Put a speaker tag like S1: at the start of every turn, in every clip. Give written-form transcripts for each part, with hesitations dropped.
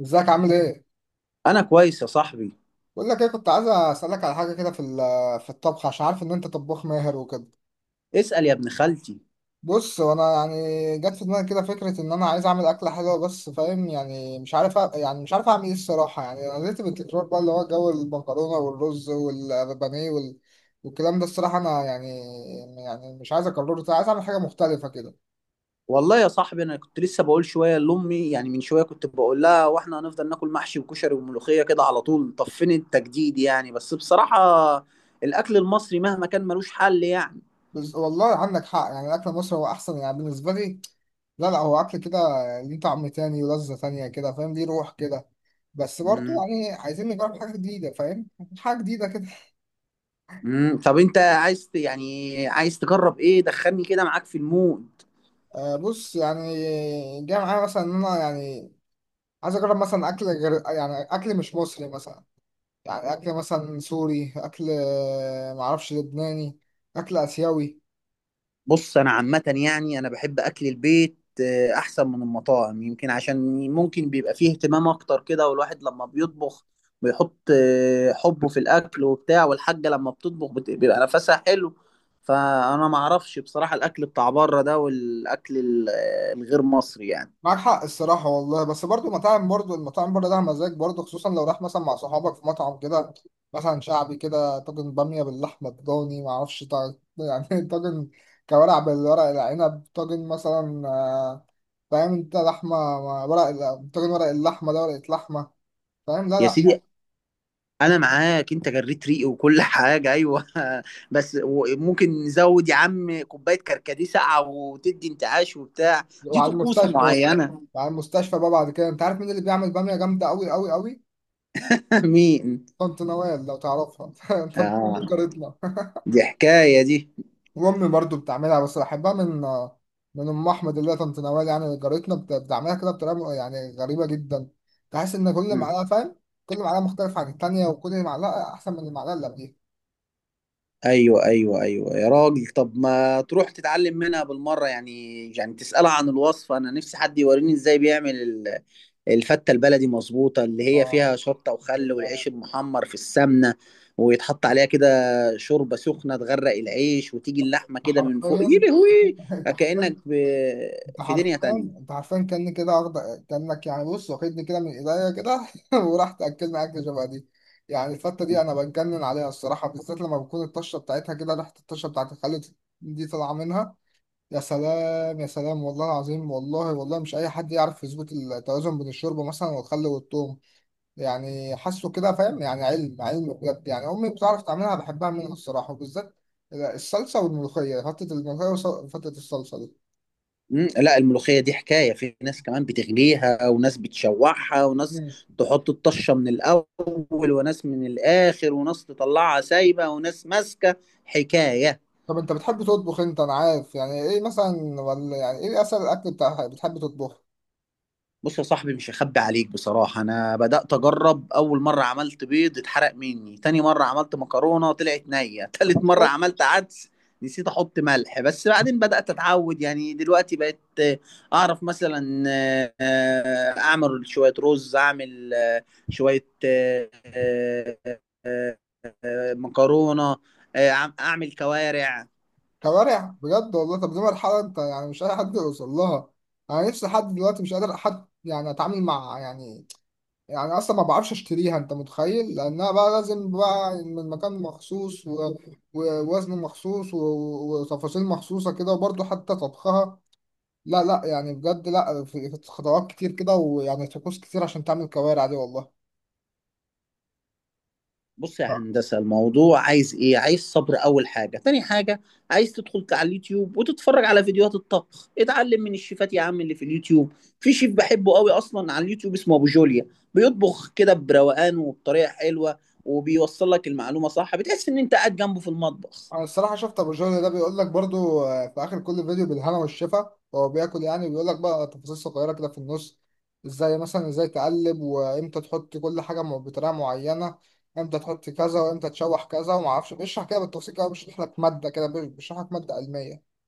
S1: ازيك عامل ايه؟
S2: انا كويس يا صاحبي.
S1: بقول لك ايه، كنت عايز اسالك على حاجه كده في الطبخ، عشان عارف ان انت طباخ ماهر وكده.
S2: اسال يا ابن خالتي.
S1: بص، وانا يعني جت في دماغي كده فكره ان انا عايز اعمل اكله حلوه، بس فاهم، يعني مش عارف يعني مش عارف اعمل ايه الصراحه. يعني انا زهقت بالتكرار بقى، اللي هو جو المكرونه والرز والبانيه والكلام ده الصراحه. انا يعني مش عايز اكرره تاني، عايز اعمل حاجه مختلفه كده.
S2: والله يا صاحبي، انا كنت لسه بقول شويه لامي، يعني من شويه كنت بقول لها، واحنا هنفضل ناكل محشي وكشري وملوخيه كده على طول؟ طب فين التجديد يعني؟ بس بصراحه الاكل المصري مهما كان ملوش حل يعني.
S1: بس والله عندك حق، يعني اكل مصر هو احسن يعني بالنسبه لي. لا لا، هو اكل كده ليه طعم تاني ولذه تانيه كده، فاهم؟ ليه روح كده. بس برضه
S2: امم
S1: يعني عايزين نجرب حاجة جديدة، فاهم؟ حاجة جديدة كده.
S2: طب انت عايز يعني عايز تجرب ايه؟ دخلني كده معاك في المود.
S1: آه، بص يعني جاي معايا مثلا إن أنا يعني عايز أجرب مثلا أكل غير، يعني أكل مش مصري مثلا. يعني أكل مثلا سوري، أكل معرفش، لبناني، أكل آسيوي.
S2: بص، انا عامه يعني انا بحب اكل البيت احسن من المطاعم، يمكن عشان ممكن بيبقى فيه اهتمام اكتر كده، والواحد لما بيطبخ بيحط حبه في الاكل وبتاع، والحاجه لما بتطبخ بيبقى نفسها حلو. فانا ما اعرفش بصراحه الاكل بتاع بره ده، والاكل الغير مصري يعني.
S1: معاك حق الصراحة والله، بس برضو مطاعم، برضو المطاعم بره ده مزاج برضو، خصوصا لو راح مثلا مع صحابك في مطعم كده، مثلا شعبي كده، طاجن بامية باللحمة الضاني، معرفش طاجن كوارع بالورق العنب، طاجن مثلا فاهم انت؟ لحمة مع ورق طاجن ورق اللحمة ده، ورقة لحمة. فاهم؟ لا
S2: يا
S1: لا.
S2: سيدي، انا معاك، انت جريت ريقي وكل حاجه، ايوه بس ممكن نزود يا عم كوبايه كركديه ساقعه وتدي انتعاش وبتاع؟ دي
S1: وعلى
S2: طقوس
S1: المستشفى.
S2: معينه.
S1: وعلى المستشفى بقى بعد كده. انت عارف مين اللي بيعمل بامية جامدة أوي أوي أوي؟
S2: مين؟
S1: طنط نوال لو تعرفها. طنط نوال
S2: اه،
S1: جارتنا.
S2: دي حكاية دي.
S1: وامي برضو بتعملها، بس بحبها من ام احمد، اللي هي طنط نوال، يعني جارتنا، بتعملها كده بطريقه يعني غريبه جدا. تحس ان كل
S2: مم.
S1: معلقه، فاهم، كل معلقه مختلفه عن التانيه، وكل معلقه احسن من المعلقه اللي قبليها.
S2: ايوه ايوه ايوه يا راجل، طب ما تروح تتعلم منها بالمرة يعني؟ يعني تسألها عن الوصفة. انا نفسي حد يوريني ازاي بيعمل الفتة البلدي مظبوطة، اللي هي
S1: اه،
S2: فيها شطة وخل والعيش المحمر في السمنة، ويتحط عليها كده شوربة سخنة تغرق العيش، وتيجي اللحمة كده من فوق،
S1: حرفيا.
S2: يلهوي.
S1: انت حرفيا،
S2: كأنك
S1: انت
S2: في دنيا
S1: حرفيا،
S2: تانية.
S1: انت حرفيا كأني كده واخد. كأنك يعني بص واخدني كده من ايديا كده. وراح تاكلني اكل شبه دي. يعني الفته دي انا بتجنن عليها الصراحه، بالذات لما بكون الطشه بتاعتها كده، ريحه الطشه بتاعت الخل دي طالعه منها. يا سلام، يا سلام، والله العظيم، والله والله مش اي حد يعرف يظبط التوازن بين الشوربه مثلا والخل والثوم. يعني حاسه كده، فاهم، يعني علم علم بجد. يعني امي بتعرف تعملها، بحبها منها الصراحه، وبالذات الصلصه والملوخيه، فتة الملوخيه وفتة الصلصه دي.
S2: مم، لا الملوخية دي حكاية، في ناس كمان بتغليها وناس بتشوحها وناس
S1: مم.
S2: تحط الطشة من الأول وناس من الآخر وناس تطلعها سايبة وناس ماسكة. حكاية.
S1: طب انت بتحب تطبخ انت، انا عارف، يعني ايه مثلا، ولا يعني ايه اسهل الاكل بتاع بتحب تطبخه؟
S2: بص يا صاحبي، مش هخبي عليك بصراحة، أنا بدأت أجرب. أول مرة عملت بيض اتحرق مني، تاني مرة عملت مكرونة طلعت نية تالت مرة عملت عدس نسيت أحط ملح. بس بعدين بدأت أتعود، يعني دلوقتي بقيت أعرف مثلا أعمل شوية رز، أعمل شوية آه، مكرونة، أعمل كوارع.
S1: كوارع بجد والله؟ طب دي مرحله، انت يعني مش اي حد يوصل لها. انا نفسي لحد دلوقتي مش قادر حد يعني اتعامل مع، يعني، يعني اصلا ما بعرفش اشتريها، انت متخيل؟ لانها بقى لازم بقى من مكان مخصوص ووزن مخصوص وتفاصيل مخصوصة كده، وبرضه حتى طبخها. لا لا، يعني بجد لا، في خطوات كتير كده، ويعني طقوس كتير عشان تعمل كوارع دي والله.
S2: بص يا هندسة، الموضوع عايز ايه؟ عايز صبر اول حاجة. تاني حاجة، عايز تدخل على اليوتيوب وتتفرج على فيديوهات الطبخ، اتعلم من الشيفات يا عم اللي في اليوتيوب. في شيف بحبه قوي اصلا على اليوتيوب اسمه ابو جوليا، بيطبخ كده بروقان وبطريقة حلوة، وبيوصل لك المعلومة صح، بتحس ان انت قاعد جنبه في المطبخ.
S1: انا الصراحه شفت ابو جهل ده، بيقول لك برضو، في اخر كل فيديو، بالهنا والشفا، هو بياكل. يعني بيقول لك بقى تفاصيل صغيره كده في النص، ازاي مثلا، ازاي تقلب، وامتى تحط كل حاجه بطريقه معينه، امتى تحط كذا وامتى تشوح كذا، وما اعرفش، بيشرح كده بالتفصيل كده، بيشرح لك ماده كده، بيشرح لك ماده علميه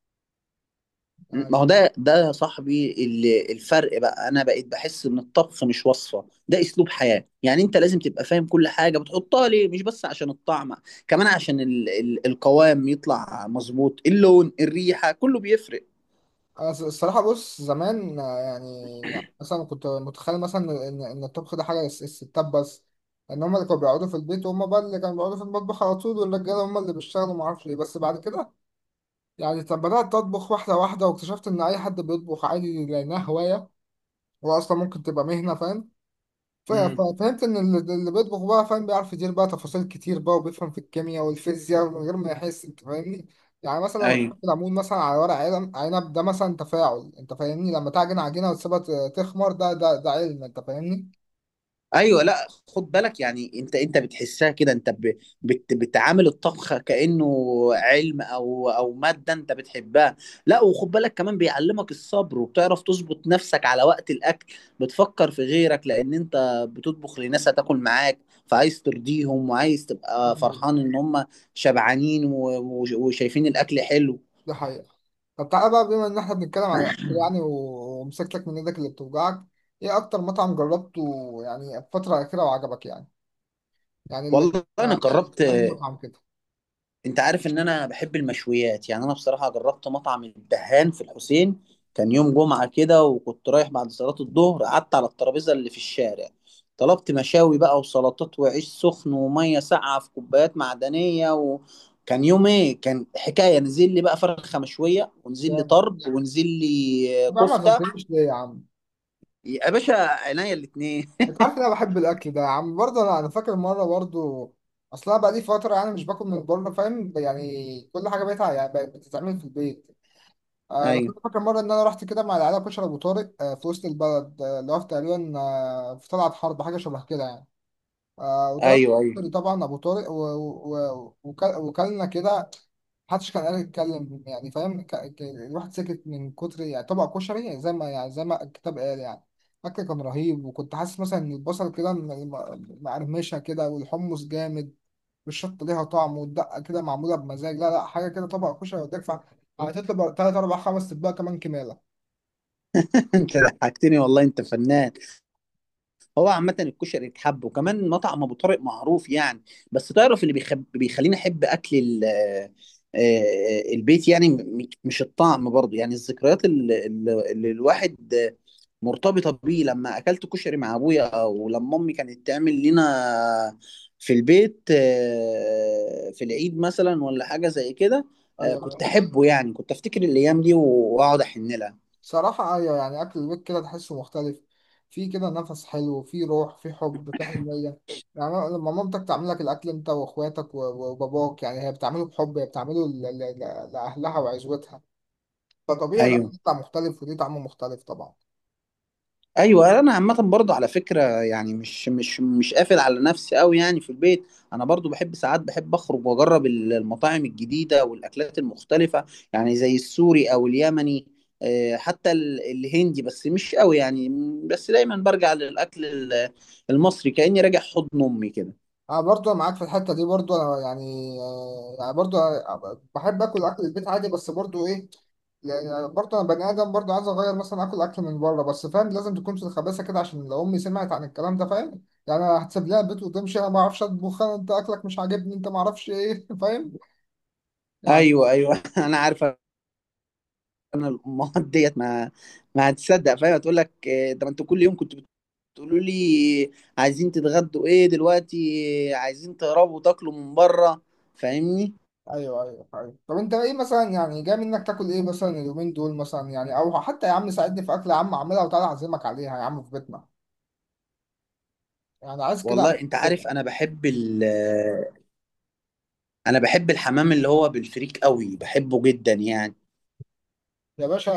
S1: يعني.
S2: ما هو ده يا صاحبي الفرق بقى. انا بقيت بحس ان الطبخ مش وصفه، ده اسلوب حياه. يعني انت لازم تبقى فاهم كل حاجه بتحطها ليه، مش بس عشان الطعم، كمان عشان ال القوام يطلع مظبوط، اللون، الريحه، كله بيفرق.
S1: انا الصراحه، بص زمان يعني، يعني مثلا كنت متخيل مثلا ان الطبخ ده حاجه الستات بس. ان هم اللي كانوا بيقعدوا في البيت، وهم بقى اللي كانوا بيقعدوا في المطبخ على طول، والرجاله هم اللي بيشتغلوا، ما اعرفش ليه. بس بعد كده يعني، طب بدأت تطبخ واحدة واحدة، واكتشفت إن أي حد بيطبخ عادي، لأنها هواية، هو أصلا ممكن تبقى مهنة، فاهم؟
S2: امم.
S1: ففهمت إن اللي بيطبخ بقى فاهم، بيعرف يدير بقى تفاصيل كتير بقى، وبيفهم في الكيمياء والفيزياء من غير ما يحس، أنت فاهمني؟ يعني مثلا لما
S2: ايوه
S1: تحط العمود مثلا على ورق علم عنب ده، مثلا تفاعل، أنت فاهمني؟ لما تعجن عجينة وتسيبها تخمر، ده علم، أنت فاهمني؟
S2: ايوه، لا خد بالك، يعني انت بتحسها كده، انت ب- بت بتعامل الطبخ كانه علم او ماده انت بتحبها. لا وخد بالك كمان بيعلمك الصبر، وبتعرف تظبط نفسك على وقت الاكل، بتفكر في غيرك لان انت بتطبخ لناس هتاكل معاك، فعايز ترضيهم وعايز
S1: ده
S2: تبقى
S1: حقيقة.
S2: فرحان ان هم شبعانين وشايفين الاكل حلو.
S1: ده حقيقة. طب تعالى بقى، بما إن إحنا بنتكلم عن الأكل يعني، ومسكتك من إيدك اللي بتوجعك، إيه أكتر مطعم جربته يعني الفترة الأخيرة وعجبك يعني؟ يعني اللي
S2: والله انا
S1: آه،
S2: جربت.
S1: عندي مطعم كده.
S2: انت عارف ان انا بحب المشويات يعني، انا بصراحه جربت مطعم الدهان في الحسين. كان يوم جمعه كده وكنت رايح بعد صلاه الظهر، قعدت على الترابيزه اللي في الشارع، طلبت مشاوي بقى وسلطات وعيش سخن وميه ساقعه في كوبايات معدنيه، وكان يوم ايه، كان حكايه. نزل لي بقى فرخه مشويه، ونزل لي
S1: جامد.
S2: طرب، ونزل لي
S1: طب يا عم ما
S2: كفته.
S1: عزمتنيش ليه يا عم،
S2: يا باشا عينيا الاتنين.
S1: انت عارف ان انا بحب الاكل ده يا عم، برضه انا فاكر مره برضه، اصلا بقى لي فتره يعني مش باكل من بره، فاهم؟ يعني كل حاجه بقت بتتعمل في البيت. بس
S2: ايوه
S1: انا فاكر مره ان انا رحت كده مع العيله، كشري ابو طارق، في وسط البلد، اللي هو في تقريبا في طلعت حرب حاجه شبه كده يعني، وطلبت
S2: ايوه ايوه.
S1: طبعا ابو طارق وكلنا كده، محدش كان قادر يتكلم، يعني فاهم، الواحد سكت من كتر يعني طبق كشري، يعني زي ما الكتاب قال يعني. الاكل كان رهيب، وكنت حاسس مثلا ان البصل كده مقرمشه كده، والحمص جامد، والشطه ليها طعم، والدقه كده معموله بمزاج. لا لا، حاجه كده طبق كشري وتدفع، هتطلب تلات اربع خمس اطباق كمان كماله.
S2: انت ضحكتني والله، انت فنان. هو عامة الكشري اتحب، وكمان مطعم أبو طارق معروف يعني. بس تعرف اللي بيخليني أحب أكل ال... آه، آه، البيت يعني، مش الطعم برضه، يعني الذكريات اللي الواحد مرتبطة بيه. لما أكلت كشري مع أبويا، أو لما أمي كانت تعمل لنا في البيت في العيد مثلا ولا حاجة زي كده، كنت
S1: ايوه.
S2: أحبه يعني. كنت أفتكر الأيام دي وأقعد أحن لها.
S1: صراحة أيوة، يعني أكل البيت كده تحسه مختلف، فيه كده نفس حلو، فيه روح، فيه حب، فيه حنية. يعني لما مامتك تعمل لك الأكل أنت وأخواتك وباباك، يعني هي بتعمله بحب، هي بتعمله لأهلها وعزوتها، فطبيعي
S2: أيوه
S1: الأكل بتاع مختلف وليه طعم مختلف طبعا.
S2: ايوه، انا عامه برضو على فكره يعني، مش قافل على نفسي قوي يعني. في البيت انا برضو بحب، ساعات بحب اخرج واجرب المطاعم الجديده والاكلات المختلفه، يعني زي السوري او اليمني، حتى الهندي، بس مش قوي يعني، بس دايما برجع للاكل المصري، كاني راجع حضن امي كده.
S1: انا برضو معاك في الحته دي، برضو انا يعني يعني برضو أنا بحب اكل البيت عادي، بس برضو ايه، يعني برضو انا بني ادم برضو، عايز اغير مثلا اكل اكل من بره، بس فاهم لازم تكون في الخباثه كده، عشان لو امي سمعت عن الكلام ده، فاهم يعني، أنا هتسيب لها البيت وتمشي، انا ما اعرفش اطبخ، انت اكلك مش عاجبني، انت ما اعرفش ايه فاهم يعني.
S2: ايوه ايوه انا عارفه. انا الامهات ديت ما هتصدق فاهم، تقول لك ده ما انت كل يوم كنت تقولوا لي عايزين تتغدوا ايه دلوقتي، عايزين تهربوا تاكلوا من بره، فاهمني.
S1: ايوه ايوه ايوه، طب انت ايه مثلا يعني، جاي منك تاكل ايه مثلا اليومين دول مثلا يعني، او حتى يا عم ساعدني في اكل يا عم، اعملها وتعالى اعزمك عليها يا عم في بيتنا، يعني عايز كده.
S2: والله انت عارف انا بحب انا بحب الحمام اللي هو بالفريك قوي، بحبه جدا يعني.
S1: يا باشا،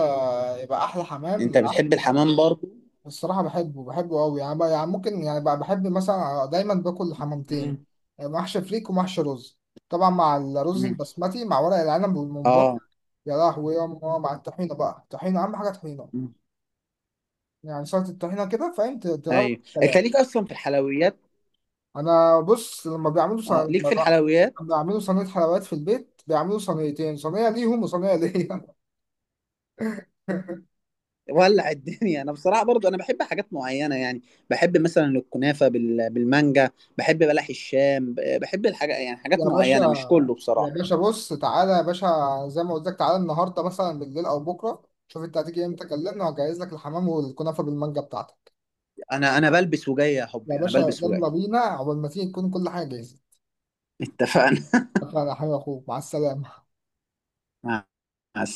S1: يبقى احلى
S2: انت
S1: حمام
S2: بتحب
S1: احلى.
S2: الحمام برضه؟
S1: الصراحه بحبه بحبه قوي يعني، بقى يعني ممكن يعني بقى بحب مثلا دايما باكل حمامتين،
S2: مم.
S1: محشي فريك ومحشي رز، طبعا مع الرز
S2: مم.
S1: البسمتي مع ورق العنب والممبار،
S2: اه.
S1: يا لهوي يا ماما، مع الطحينه بقى، الطحينه اهم حاجه، طحينه
S2: مم.
S1: يعني، سلطه الطحينه كده فاهم، تروق
S2: ايوه، انت
S1: الكلام.
S2: ليك اصلا في الحلويات.
S1: انا بص لما بيعملوا
S2: اه ليك في الحلويات.
S1: لما بيعملوا صينيه حلويات في البيت، بيعملوا صينيتين، صينيه ليهم وصينيه ليا.
S2: ولع الدنيا. انا بصراحه برضو انا بحب حاجات معينه يعني، بحب مثلا الكنافه بالمانجا، بحب بلح الشام، بحب الحاجه يعني، حاجات
S1: يا باشا،
S2: معينه مش كله
S1: يا
S2: بصراحه.
S1: باشا بص، تعالى يا باشا، زي ما قلت لك، تعالى النهارده مثلا بالليل او بكره، شوف انت هتيجي امتى كلمني، وهجهز لك الحمام والكنافه بالمانجا بتاعتك،
S2: انا بلبس وجاي يا
S1: يا
S2: حبي، انا
S1: باشا،
S2: بلبس وجاي.
S1: يلا بينا، عقبال ما تيجي تكون كل حاجه جاهزه.
S2: اتفقنا.
S1: شكرا يا حبيبي، اخوك، مع السلامه.
S2: مع مع